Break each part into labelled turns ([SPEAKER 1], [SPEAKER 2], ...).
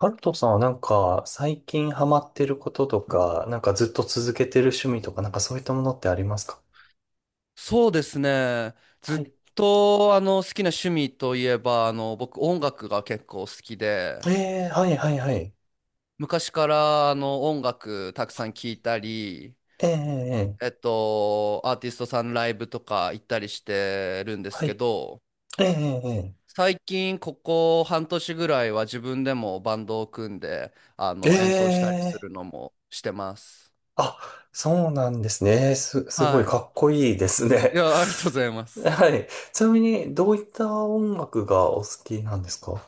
[SPEAKER 1] ハルトさんは最近ハマってることとか、ずっと続けてる趣味とか、そういったものってありますか？
[SPEAKER 2] そうですね。ず
[SPEAKER 1] はい。
[SPEAKER 2] っと好きな趣味といえば僕音楽が結構好きで、
[SPEAKER 1] はいはいはい。
[SPEAKER 2] 昔から音楽たくさん聴いたり、
[SPEAKER 1] ー
[SPEAKER 2] アーティストさんライブとか行ったりしてるんです
[SPEAKER 1] はい。
[SPEAKER 2] けど、
[SPEAKER 1] えー、え
[SPEAKER 2] 最近ここ半年ぐらいは自分でもバンドを組んで
[SPEAKER 1] ーえー
[SPEAKER 2] 演奏したりす
[SPEAKER 1] え
[SPEAKER 2] る
[SPEAKER 1] ー
[SPEAKER 2] のもしてます。
[SPEAKER 1] あ、そうなんですね。すごい
[SPEAKER 2] はい。
[SPEAKER 1] かっこいいです
[SPEAKER 2] い
[SPEAKER 1] ね。
[SPEAKER 2] や、ありがとうございます。
[SPEAKER 1] はい。ちなみに、どういった音楽がお好きなんですか？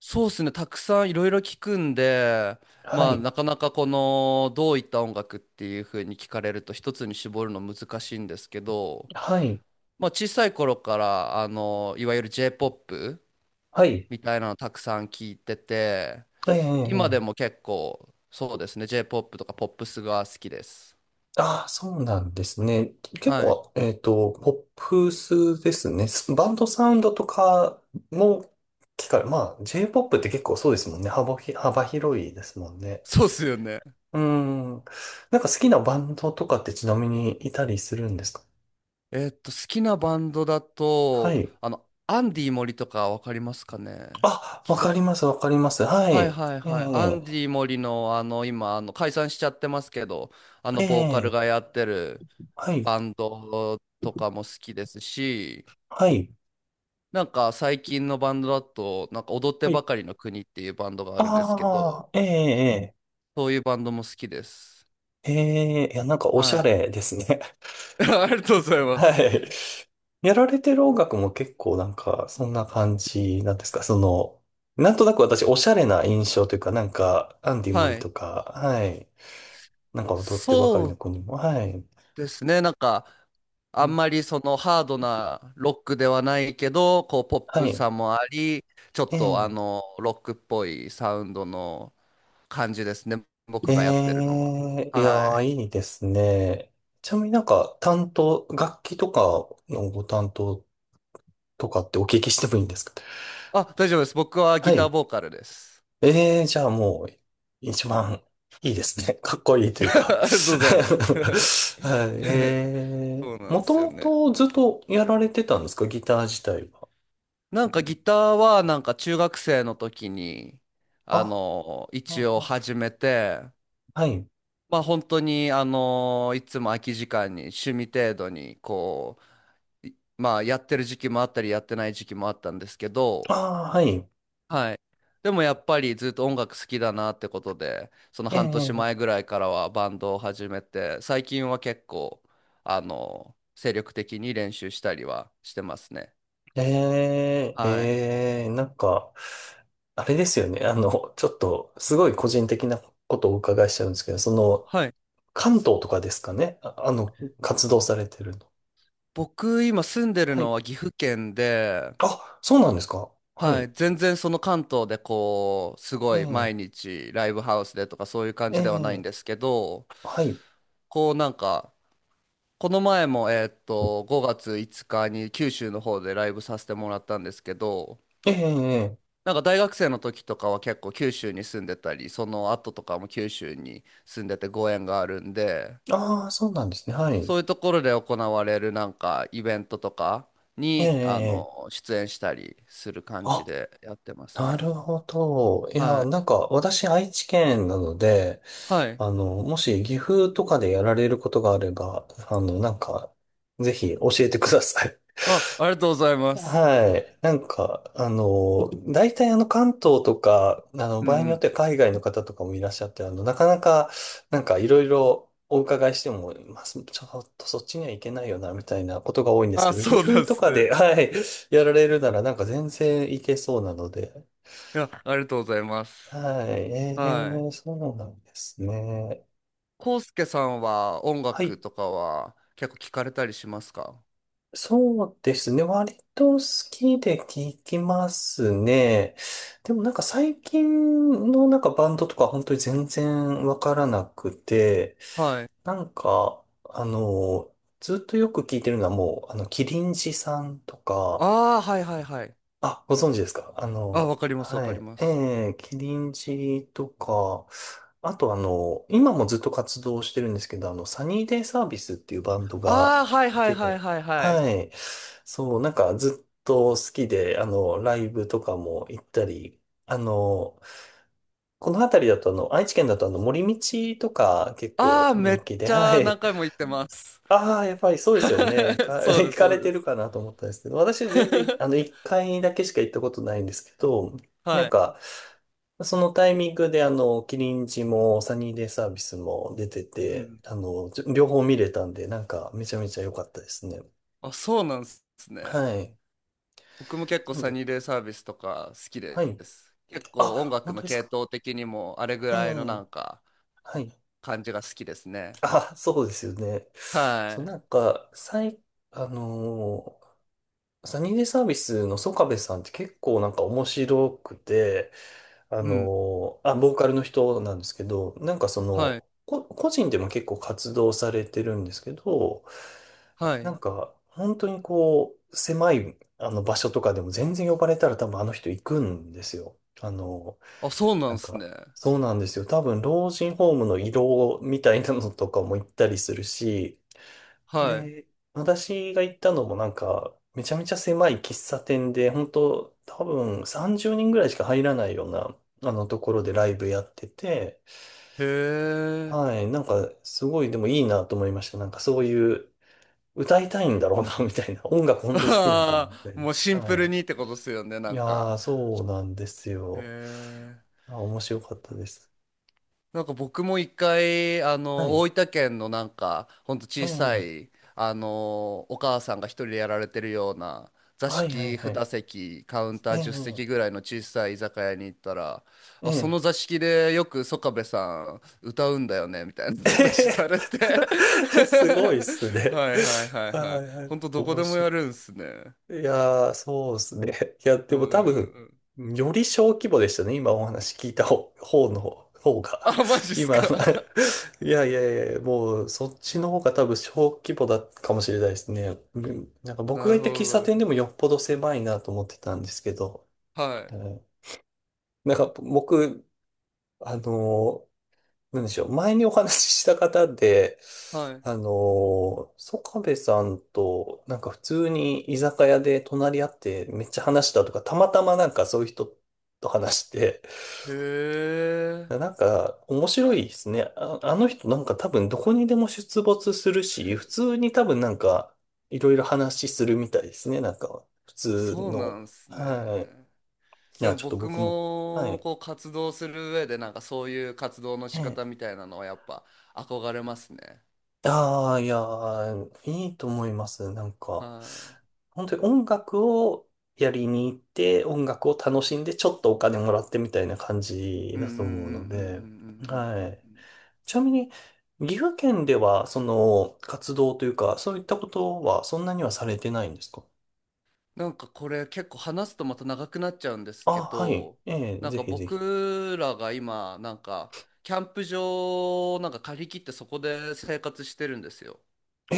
[SPEAKER 2] そうですね、たくさんいろいろ聞くんで、
[SPEAKER 1] は
[SPEAKER 2] まあ、
[SPEAKER 1] い。
[SPEAKER 2] なかなかこのどういった音楽っていう風に聞かれると一つに絞るの難しいんですけど、
[SPEAKER 1] はい。
[SPEAKER 2] まあ、小さい頃からいわゆる J-POP
[SPEAKER 1] はい。
[SPEAKER 2] みたいなのたくさん聞いてて、
[SPEAKER 1] はい。えーえーえ
[SPEAKER 2] 今でも
[SPEAKER 1] ー
[SPEAKER 2] 結構そうですね、J-POP とかポップスが好きです。
[SPEAKER 1] ああ、そうなんですね。結
[SPEAKER 2] はい。
[SPEAKER 1] 構、ポップスですね。バンドサウンドとかも聞かれ、まあ、J-POP って結構そうですもんね。幅広いですもんね。
[SPEAKER 2] そうっすよね。
[SPEAKER 1] うーん。好きなバンドとかってちなみにいたりするんですか？
[SPEAKER 2] 好きなバンドだ
[SPEAKER 1] は
[SPEAKER 2] と、
[SPEAKER 1] い。
[SPEAKER 2] アンディ森とかわかりますかね？
[SPEAKER 1] あ、わ
[SPEAKER 2] 聞いた、
[SPEAKER 1] かります、わかります。は
[SPEAKER 2] はい
[SPEAKER 1] い。
[SPEAKER 2] はい
[SPEAKER 1] え
[SPEAKER 2] はい。ア
[SPEAKER 1] え、
[SPEAKER 2] ンディ森の今解散しちゃってますけど、あの
[SPEAKER 1] え
[SPEAKER 2] ボーカル
[SPEAKER 1] え、
[SPEAKER 2] がやってる
[SPEAKER 1] はい、
[SPEAKER 2] バンドとかも好きですし、
[SPEAKER 1] はい、
[SPEAKER 2] なんか最近のバンドだと、なんか踊って
[SPEAKER 1] は
[SPEAKER 2] ば
[SPEAKER 1] い。
[SPEAKER 2] かりの国っていうバンドがあるんですけど、
[SPEAKER 1] ああ、ええ、
[SPEAKER 2] そういうバンドも好きです。
[SPEAKER 1] ええ、ええいや、おし
[SPEAKER 2] は
[SPEAKER 1] ゃ
[SPEAKER 2] い。
[SPEAKER 1] れですね。
[SPEAKER 2] ありがとうござい ま
[SPEAKER 1] は
[SPEAKER 2] す。
[SPEAKER 1] い。やられてる音楽も結構、そんな感じなんですか？その、なんとなく私、おしゃれな印象というか、なんか、アンディ・モ
[SPEAKER 2] は
[SPEAKER 1] リ
[SPEAKER 2] い。
[SPEAKER 1] とか、はい。なんか踊っ
[SPEAKER 2] そ
[SPEAKER 1] てばかりの
[SPEAKER 2] う
[SPEAKER 1] 子にも、はい。
[SPEAKER 2] ですね。なんか、
[SPEAKER 1] う
[SPEAKER 2] あん
[SPEAKER 1] ん
[SPEAKER 2] まりそのハードなロックではないけど、こうポッ
[SPEAKER 1] は
[SPEAKER 2] プ
[SPEAKER 1] い。
[SPEAKER 2] さもあり、ちょっ
[SPEAKER 1] え
[SPEAKER 2] と
[SPEAKER 1] え、
[SPEAKER 2] ロックっぽいサウンドの感じですね。僕がやってる
[SPEAKER 1] え
[SPEAKER 2] のは。
[SPEAKER 1] え、いや
[SPEAKER 2] は
[SPEAKER 1] ー、
[SPEAKER 2] い。
[SPEAKER 1] いいですね。ちなみに、担当、楽器とかのご担当とかってお聞きしてもいいんですか？
[SPEAKER 2] あ、大丈夫です。僕は
[SPEAKER 1] は
[SPEAKER 2] ギター
[SPEAKER 1] い。
[SPEAKER 2] ボーカルです。
[SPEAKER 1] ええじゃあもう、一番いいですね。かっこいいというか
[SPEAKER 2] ありがとうございま
[SPEAKER 1] はい。
[SPEAKER 2] す。
[SPEAKER 1] え
[SPEAKER 2] そ
[SPEAKER 1] え
[SPEAKER 2] うなんで
[SPEAKER 1] もと
[SPEAKER 2] すよ
[SPEAKER 1] も
[SPEAKER 2] ね。
[SPEAKER 1] とずっとやられてたんですか？ギター自体は。
[SPEAKER 2] なんかギターはなんか中学生の時に、
[SPEAKER 1] あ、
[SPEAKER 2] 一
[SPEAKER 1] あ
[SPEAKER 2] 応
[SPEAKER 1] あ
[SPEAKER 2] 始めて、
[SPEAKER 1] はい。
[SPEAKER 2] まあ本当にいつも空き時間に趣味程度にこういまあやってる時期もあったりやってない時期もあったんですけど、
[SPEAKER 1] ああ、はい。
[SPEAKER 2] はい。でもやっぱりずっと音楽好きだなってことで、その
[SPEAKER 1] え
[SPEAKER 2] 半年前
[SPEAKER 1] え
[SPEAKER 2] ぐらいからはバンドを始めて、最近は結構精力的に練習したりはしてますね。
[SPEAKER 1] ええ
[SPEAKER 2] はい、
[SPEAKER 1] ええ、あれですよね。あの、ちょっと、すごい個人的なことをお伺いしちゃうんですけど、その、
[SPEAKER 2] はい。
[SPEAKER 1] 関東とかですかね。あ、あの、活動されてるの。
[SPEAKER 2] 僕今住んでる
[SPEAKER 1] は
[SPEAKER 2] の
[SPEAKER 1] い。
[SPEAKER 2] は岐阜県で、
[SPEAKER 1] あ、そうなんですか？は
[SPEAKER 2] はい、
[SPEAKER 1] い。
[SPEAKER 2] 全然その関東でこうす
[SPEAKER 1] え
[SPEAKER 2] ごい毎
[SPEAKER 1] え
[SPEAKER 2] 日ライブハウスでとかそういう感じではないん
[SPEAKER 1] え
[SPEAKER 2] で
[SPEAKER 1] え
[SPEAKER 2] すけど、
[SPEAKER 1] はい。
[SPEAKER 2] こうなんかこの前も5月5日に九州の方でライブさせてもらったんですけど、
[SPEAKER 1] ええ、ええ。
[SPEAKER 2] なんか大学生の時とかは結構九州に住んでたり、その後とかも九州に住んでてご縁があるんで、
[SPEAKER 1] ああ、そうなんですね。はい。
[SPEAKER 2] そういうところで行われるなんかイベントとか
[SPEAKER 1] ええ、
[SPEAKER 2] に
[SPEAKER 1] ええ。
[SPEAKER 2] 出演したりする感じ
[SPEAKER 1] あ、
[SPEAKER 2] でやってます
[SPEAKER 1] な
[SPEAKER 2] ね。
[SPEAKER 1] るほど。い
[SPEAKER 2] は
[SPEAKER 1] や、
[SPEAKER 2] い、
[SPEAKER 1] なんか、私、愛知県なので、
[SPEAKER 2] はい。
[SPEAKER 1] あの、もし、岐阜とかでやられることがあれば、あの、なんか、ぜひ、教えてください。
[SPEAKER 2] あ、ありがとうございます。
[SPEAKER 1] はい。なんか、あの、大体あの関東とか、あの、
[SPEAKER 2] うんう
[SPEAKER 1] 場合によっ
[SPEAKER 2] ん。
[SPEAKER 1] ては海外の方とかもいらっしゃって、あの、なかなか、なんかいろいろお伺いしても、まあ、ちょっとそっちには行けないよな、みたいなことが多いんですけ
[SPEAKER 2] あ、
[SPEAKER 1] ど、岐
[SPEAKER 2] そうなん
[SPEAKER 1] 阜
[SPEAKER 2] で
[SPEAKER 1] と
[SPEAKER 2] す
[SPEAKER 1] か
[SPEAKER 2] ね。
[SPEAKER 1] で、はい、やられるならなんか全然行けそうなので、
[SPEAKER 2] いや、ありがとうございます。
[SPEAKER 1] はい。え
[SPEAKER 2] は
[SPEAKER 1] ー、
[SPEAKER 2] い。
[SPEAKER 1] そうなんですね。
[SPEAKER 2] コウスケさんは音
[SPEAKER 1] は
[SPEAKER 2] 楽
[SPEAKER 1] い。
[SPEAKER 2] とかは結構聞かれたりしますか？
[SPEAKER 1] そうですね。割と好きで聞きますね。でもなんか最近のなんかバンドとか本当に全然わからなくて、
[SPEAKER 2] はい。
[SPEAKER 1] なんか、あの、ずっとよく聞いてるのはもう、あの、キリンジさんとか、
[SPEAKER 2] ああ、はいはいはい。
[SPEAKER 1] あ、ご存知ですか？あ
[SPEAKER 2] あ、わ
[SPEAKER 1] の、
[SPEAKER 2] かります、わ
[SPEAKER 1] はい。
[SPEAKER 2] かりま
[SPEAKER 1] え
[SPEAKER 2] す。
[SPEAKER 1] え、キリンジとか、あとあの、今もずっと活動してるんですけど、あの、サニーデイサービスっていうバンドが
[SPEAKER 2] ああ、はい
[SPEAKER 1] い
[SPEAKER 2] はいはい
[SPEAKER 1] て、
[SPEAKER 2] はいはい。
[SPEAKER 1] はい。そう、なんかずっと好きで、あの、ライブとかも行ったり、あの、この辺りだとあの、愛知県だとあの、森道とか結
[SPEAKER 2] あ
[SPEAKER 1] 構
[SPEAKER 2] あ、め
[SPEAKER 1] 人
[SPEAKER 2] っ
[SPEAKER 1] 気で、
[SPEAKER 2] ち
[SPEAKER 1] は
[SPEAKER 2] ゃ何
[SPEAKER 1] い。
[SPEAKER 2] 回も言ってます。
[SPEAKER 1] ああ、やっぱりそうですよね。
[SPEAKER 2] そうで
[SPEAKER 1] 行
[SPEAKER 2] す、
[SPEAKER 1] か
[SPEAKER 2] そ
[SPEAKER 1] れ
[SPEAKER 2] う
[SPEAKER 1] て
[SPEAKER 2] で
[SPEAKER 1] る
[SPEAKER 2] す。
[SPEAKER 1] かなと思ったんですけど、私全然、あの、一回だけしか行ったことないんですけど、な
[SPEAKER 2] は
[SPEAKER 1] ん
[SPEAKER 2] い。
[SPEAKER 1] か、そのタイミングで、あの、キリンジもサニーデイサービスも出て
[SPEAKER 2] う
[SPEAKER 1] て、
[SPEAKER 2] ん。
[SPEAKER 1] あの、両方見れたんで、なんか、めちゃめちゃ良かったですね。
[SPEAKER 2] あ、そうなんですね。
[SPEAKER 1] はい。
[SPEAKER 2] 僕も結構
[SPEAKER 1] なん
[SPEAKER 2] サ
[SPEAKER 1] で、
[SPEAKER 2] ニーデイサービスとか好き
[SPEAKER 1] は
[SPEAKER 2] で
[SPEAKER 1] い。
[SPEAKER 2] す。結構音
[SPEAKER 1] あ、
[SPEAKER 2] 楽
[SPEAKER 1] 本当
[SPEAKER 2] の
[SPEAKER 1] です
[SPEAKER 2] 系
[SPEAKER 1] か？
[SPEAKER 2] 統的にもあれぐ
[SPEAKER 1] え
[SPEAKER 2] らいのな
[SPEAKER 1] え、
[SPEAKER 2] んか
[SPEAKER 1] はい。
[SPEAKER 2] 感じが好きですね。
[SPEAKER 1] あ、そうですよね。そう、
[SPEAKER 2] は
[SPEAKER 1] なんか、最、あのーサニーデイサービスのソカベさんって結構なんか面白くて、あ
[SPEAKER 2] い。うん。
[SPEAKER 1] の、あ、ボーカルの人なんですけど、なんかそ
[SPEAKER 2] はい。
[SPEAKER 1] の、個人でも結構活動されてるんですけど、
[SPEAKER 2] は
[SPEAKER 1] な
[SPEAKER 2] い。
[SPEAKER 1] んか本当にこう、狭いあの場所とかでも全然呼ばれたら多分あの人行くんですよ。あの、
[SPEAKER 2] あ、そうな
[SPEAKER 1] な
[SPEAKER 2] ん
[SPEAKER 1] ん
[SPEAKER 2] す
[SPEAKER 1] か、
[SPEAKER 2] ね。
[SPEAKER 1] そうなんですよ。多分老人ホームの移動みたいなのとかも行ったりするし、
[SPEAKER 2] はい。
[SPEAKER 1] で、私が行ったのもなんか、めちゃめちゃ狭い喫茶店で、本当多分30人ぐらいしか入らないような、あのところでライブやってて、
[SPEAKER 2] へえ。
[SPEAKER 1] はい、なんか、すごいでもいいなと思いました。なんかそういう、歌いたいんだろうな、みたいな。音楽 本当に好きなんだ、
[SPEAKER 2] あ
[SPEAKER 1] みたい
[SPEAKER 2] あ、
[SPEAKER 1] な。
[SPEAKER 2] もうシン
[SPEAKER 1] は
[SPEAKER 2] プル
[SPEAKER 1] い。
[SPEAKER 2] にってことですよね、な
[SPEAKER 1] い
[SPEAKER 2] ん
[SPEAKER 1] や
[SPEAKER 2] か。
[SPEAKER 1] ー、そうなんです
[SPEAKER 2] へ
[SPEAKER 1] よ。
[SPEAKER 2] え。
[SPEAKER 1] あ、面白かったです。
[SPEAKER 2] なんか僕も一回、
[SPEAKER 1] はい。
[SPEAKER 2] 大分県のなんか、ほんと
[SPEAKER 1] え
[SPEAKER 2] 小さ
[SPEAKER 1] え
[SPEAKER 2] い、お母さんが一人でやられてるような、座
[SPEAKER 1] はいはい
[SPEAKER 2] 敷
[SPEAKER 1] は
[SPEAKER 2] 2
[SPEAKER 1] い。
[SPEAKER 2] 席、カウンター
[SPEAKER 1] え
[SPEAKER 2] 10席
[SPEAKER 1] え
[SPEAKER 2] ぐらいの小さい居酒屋に行ったら、
[SPEAKER 1] え
[SPEAKER 2] あ、その
[SPEAKER 1] え
[SPEAKER 2] 座敷でよく曽我部さん歌うんだよね、みたいな
[SPEAKER 1] え
[SPEAKER 2] 話され
[SPEAKER 1] へ
[SPEAKER 2] て
[SPEAKER 1] へすごいっすね。
[SPEAKER 2] はいはいはいは
[SPEAKER 1] は
[SPEAKER 2] い。
[SPEAKER 1] いはい。
[SPEAKER 2] ほんとどこ
[SPEAKER 1] 面
[SPEAKER 2] でもやる
[SPEAKER 1] 白
[SPEAKER 2] んすね。
[SPEAKER 1] い。いやー、そうっすね。いや、
[SPEAKER 2] う
[SPEAKER 1] で
[SPEAKER 2] ん
[SPEAKER 1] も
[SPEAKER 2] う
[SPEAKER 1] 多
[SPEAKER 2] ん
[SPEAKER 1] 分、
[SPEAKER 2] うんうん。
[SPEAKER 1] より小規模でしたね。今お話聞いた方の方が。
[SPEAKER 2] あ、マジっす
[SPEAKER 1] 今、
[SPEAKER 2] か？
[SPEAKER 1] いやいやいや、もうそっちの方が多分小規模だったかもしれないですね。うんなんか 僕
[SPEAKER 2] な
[SPEAKER 1] が
[SPEAKER 2] る
[SPEAKER 1] 行っ
[SPEAKER 2] ほ
[SPEAKER 1] た喫
[SPEAKER 2] ど
[SPEAKER 1] 茶
[SPEAKER 2] なる
[SPEAKER 1] 店
[SPEAKER 2] ほ
[SPEAKER 1] で
[SPEAKER 2] ど。
[SPEAKER 1] もよっぽど狭いなと思ってたんですけど、
[SPEAKER 2] は
[SPEAKER 1] う
[SPEAKER 2] い。
[SPEAKER 1] んなんか僕、あのーなんでしょう。前にお話しした方で、
[SPEAKER 2] はい。
[SPEAKER 1] あのー、ソカベさんと、なんか普通に居酒屋で隣り合ってめっちゃ話したとか、たまたまなんかそういう人と話して、
[SPEAKER 2] へえ。
[SPEAKER 1] なんか面白いですね。あ、あの人なんか多分どこにでも出没するし、普通に多分なんかいろいろ話するみたいですね。なんか普
[SPEAKER 2] あ、
[SPEAKER 1] 通
[SPEAKER 2] そうな
[SPEAKER 1] の。
[SPEAKER 2] んすね。
[SPEAKER 1] はい。い
[SPEAKER 2] で
[SPEAKER 1] や、
[SPEAKER 2] も
[SPEAKER 1] ちょっと
[SPEAKER 2] 僕
[SPEAKER 1] 僕も。は
[SPEAKER 2] も
[SPEAKER 1] い。
[SPEAKER 2] こう活動する上でなんかそういう活動の仕
[SPEAKER 1] え
[SPEAKER 2] 方
[SPEAKER 1] え
[SPEAKER 2] みたいなのはやっぱ憧れますね。
[SPEAKER 1] ああ、いやー、いいと思います。なん
[SPEAKER 2] は
[SPEAKER 1] か、
[SPEAKER 2] い。
[SPEAKER 1] 本当に音楽をやりに行って、音楽を楽しんで、ちょっとお金もらってみたいな感じ
[SPEAKER 2] うんう
[SPEAKER 1] だ
[SPEAKER 2] んうんうん
[SPEAKER 1] と
[SPEAKER 2] うんうん
[SPEAKER 1] 思う
[SPEAKER 2] うん
[SPEAKER 1] ので、
[SPEAKER 2] うんう
[SPEAKER 1] は
[SPEAKER 2] ん。
[SPEAKER 1] い。ちなみに、岐阜県では、その、活動というか、そういったことは、そんなにはされてないんですか？
[SPEAKER 2] なんかこれ結構話すとまた長くなっちゃうんです
[SPEAKER 1] あ、
[SPEAKER 2] け
[SPEAKER 1] はい。
[SPEAKER 2] ど、
[SPEAKER 1] ええ、
[SPEAKER 2] なん
[SPEAKER 1] ぜ
[SPEAKER 2] か
[SPEAKER 1] ひぜひ。
[SPEAKER 2] 僕らが今なんかキャンプ場をなんか借り切ってそこで生活してるんですよ。
[SPEAKER 1] え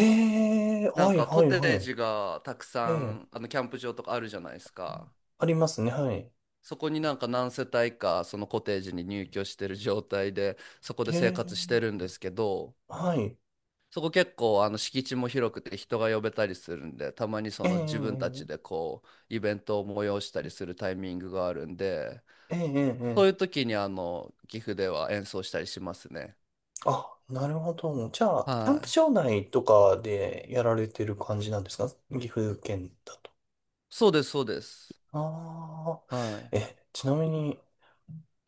[SPEAKER 1] え、
[SPEAKER 2] な
[SPEAKER 1] は
[SPEAKER 2] ん
[SPEAKER 1] い、
[SPEAKER 2] かコ
[SPEAKER 1] はい、
[SPEAKER 2] テ
[SPEAKER 1] は
[SPEAKER 2] ー
[SPEAKER 1] い。
[SPEAKER 2] ジがたく
[SPEAKER 1] え
[SPEAKER 2] さ
[SPEAKER 1] え、
[SPEAKER 2] んキャンプ場とかあるじゃないですか。
[SPEAKER 1] ありますね、はい。
[SPEAKER 2] そこになんか何世帯かそのコテージに入居してる状態でそこで
[SPEAKER 1] え
[SPEAKER 2] 生活してるん
[SPEAKER 1] え、
[SPEAKER 2] ですけど、
[SPEAKER 1] はい。
[SPEAKER 2] そこ結構敷地も広くて人が呼べたりするんで、たまにそ
[SPEAKER 1] え
[SPEAKER 2] の自分たち
[SPEAKER 1] え、
[SPEAKER 2] でこうイベントを催したりするタイミングがあるんで、
[SPEAKER 1] ええ、ええ、ええ。
[SPEAKER 2] そういう
[SPEAKER 1] ええ
[SPEAKER 2] 時に岐阜では演奏したりしますね。
[SPEAKER 1] あ、なるほど。じゃあ、
[SPEAKER 2] は
[SPEAKER 1] キャンプ
[SPEAKER 2] い、
[SPEAKER 1] 場内とかでやられてる感じなんですか？岐阜県だと。
[SPEAKER 2] そうですそうです。
[SPEAKER 1] ああ。
[SPEAKER 2] はい。
[SPEAKER 1] え、ちなみに、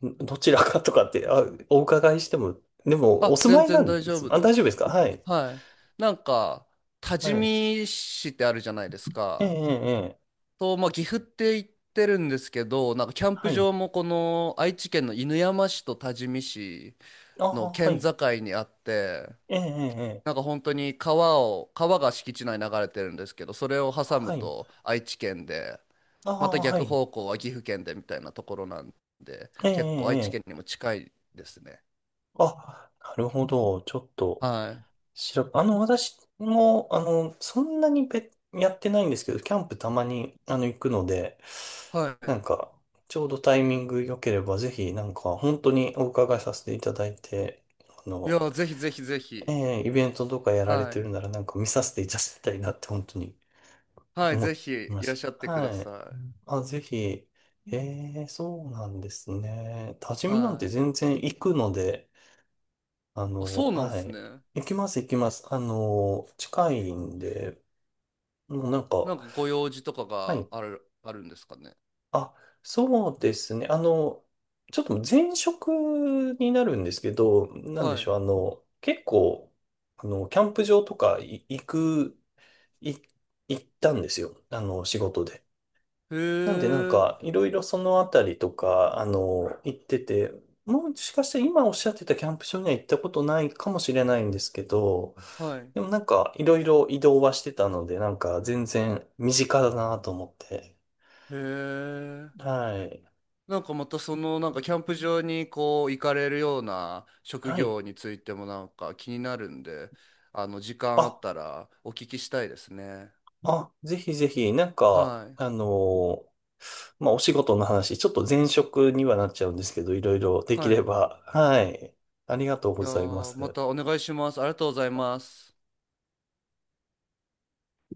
[SPEAKER 1] んどちらかとかって、あ、お伺いしても、でも、お
[SPEAKER 2] あ、
[SPEAKER 1] 住ま
[SPEAKER 2] 全
[SPEAKER 1] いな
[SPEAKER 2] 然
[SPEAKER 1] ん
[SPEAKER 2] 大
[SPEAKER 1] で
[SPEAKER 2] 丈
[SPEAKER 1] す。
[SPEAKER 2] 夫
[SPEAKER 1] あ、
[SPEAKER 2] で
[SPEAKER 1] 大丈夫です
[SPEAKER 2] す。
[SPEAKER 1] か？はい。
[SPEAKER 2] はい。なんか多治
[SPEAKER 1] はい。
[SPEAKER 2] 見市ってあるじゃないです
[SPEAKER 1] ええ、え
[SPEAKER 2] か？
[SPEAKER 1] え、ええ
[SPEAKER 2] と、まあ、岐阜って行ってるんですけど、なんかキャン
[SPEAKER 1] は
[SPEAKER 2] プ
[SPEAKER 1] い。
[SPEAKER 2] 場もこの愛知県の犬山市と多治見市
[SPEAKER 1] ああ、
[SPEAKER 2] の
[SPEAKER 1] は
[SPEAKER 2] 県
[SPEAKER 1] い。
[SPEAKER 2] 境にあって、
[SPEAKER 1] ええ、ええ、ええ
[SPEAKER 2] なんか本当に川が敷地内に流れてるんですけど、それを挟む
[SPEAKER 1] はい。
[SPEAKER 2] と愛知県で、
[SPEAKER 1] あ
[SPEAKER 2] ま
[SPEAKER 1] あ、
[SPEAKER 2] た
[SPEAKER 1] は
[SPEAKER 2] 逆
[SPEAKER 1] い。
[SPEAKER 2] 方向は岐阜県でみたいなところなんで、
[SPEAKER 1] ええ、え
[SPEAKER 2] 結構
[SPEAKER 1] え、
[SPEAKER 2] 愛知
[SPEAKER 1] え
[SPEAKER 2] 県に
[SPEAKER 1] え
[SPEAKER 2] も近いですね。
[SPEAKER 1] あ、なるほど。ちょっと。
[SPEAKER 2] はい。
[SPEAKER 1] 白、あの、私も、あの、そんなにやってないんですけど、キャンプたまに、あの、行くので、な
[SPEAKER 2] は
[SPEAKER 1] んか、ちょうどタイミング良ければ、ぜひ、なんか、本当にお伺いさせていただいて、あ
[SPEAKER 2] い。い
[SPEAKER 1] の、
[SPEAKER 2] や、ぜひぜひぜ
[SPEAKER 1] え
[SPEAKER 2] ひ。
[SPEAKER 1] えイベントとかやられ
[SPEAKER 2] は
[SPEAKER 1] て
[SPEAKER 2] い。
[SPEAKER 1] るなら、なんか見させていただきたいなって、本当に
[SPEAKER 2] はい、ぜ
[SPEAKER 1] 思
[SPEAKER 2] ひ
[SPEAKER 1] いま
[SPEAKER 2] いらっ
[SPEAKER 1] し
[SPEAKER 2] しゃっ
[SPEAKER 1] た。
[SPEAKER 2] てくだ
[SPEAKER 1] はい。
[SPEAKER 2] さい。
[SPEAKER 1] あ、ぜひ、ええそうなんですね。多治見なん
[SPEAKER 2] は
[SPEAKER 1] て
[SPEAKER 2] い。
[SPEAKER 1] 全然行くので、あ
[SPEAKER 2] あ、
[SPEAKER 1] の、
[SPEAKER 2] そうなんで
[SPEAKER 1] は
[SPEAKER 2] す
[SPEAKER 1] い。
[SPEAKER 2] ね。
[SPEAKER 1] 行きます、行きます。あの、近いんで、もうなんか、
[SPEAKER 2] なんかご用事とか
[SPEAKER 1] は
[SPEAKER 2] が
[SPEAKER 1] い。
[SPEAKER 2] あるんですかね？
[SPEAKER 1] あ、そうですね。あの、ちょっと前職になるんですけど、なんで
[SPEAKER 2] は
[SPEAKER 1] し
[SPEAKER 2] い。
[SPEAKER 1] ょう。あの、結構、あの、キャンプ場とかい行く、い、行ったんですよ。あの、仕事で。
[SPEAKER 2] へ
[SPEAKER 1] なんでなん
[SPEAKER 2] え。
[SPEAKER 1] か、いろいろそのあたりとか、あの、行ってて、もしかして今おっしゃってたキャンプ場には行ったことないかもしれないんですけど、
[SPEAKER 2] はい。
[SPEAKER 1] でもなんか、いろいろ移動はしてたので、なんか、全然身近だなと思って。
[SPEAKER 2] へえ。
[SPEAKER 1] はい。
[SPEAKER 2] なんかまたそのなんかキャンプ場にこう行かれるような職
[SPEAKER 1] はい。
[SPEAKER 2] 業についてもなんか気になるんで、時間あ
[SPEAKER 1] あ、
[SPEAKER 2] ったらお聞きしたいですね。
[SPEAKER 1] あ、ぜひぜひ、なんか、
[SPEAKER 2] はい。
[SPEAKER 1] あのーまあ、お仕事の話、ちょっと前職にはなっちゃうんですけど、いろいろでき
[SPEAKER 2] はい。
[SPEAKER 1] れ
[SPEAKER 2] い
[SPEAKER 1] ば、はい。ありがとうご
[SPEAKER 2] や
[SPEAKER 1] ざいま
[SPEAKER 2] ーま
[SPEAKER 1] す。
[SPEAKER 2] たお願いします。ありがとうございます。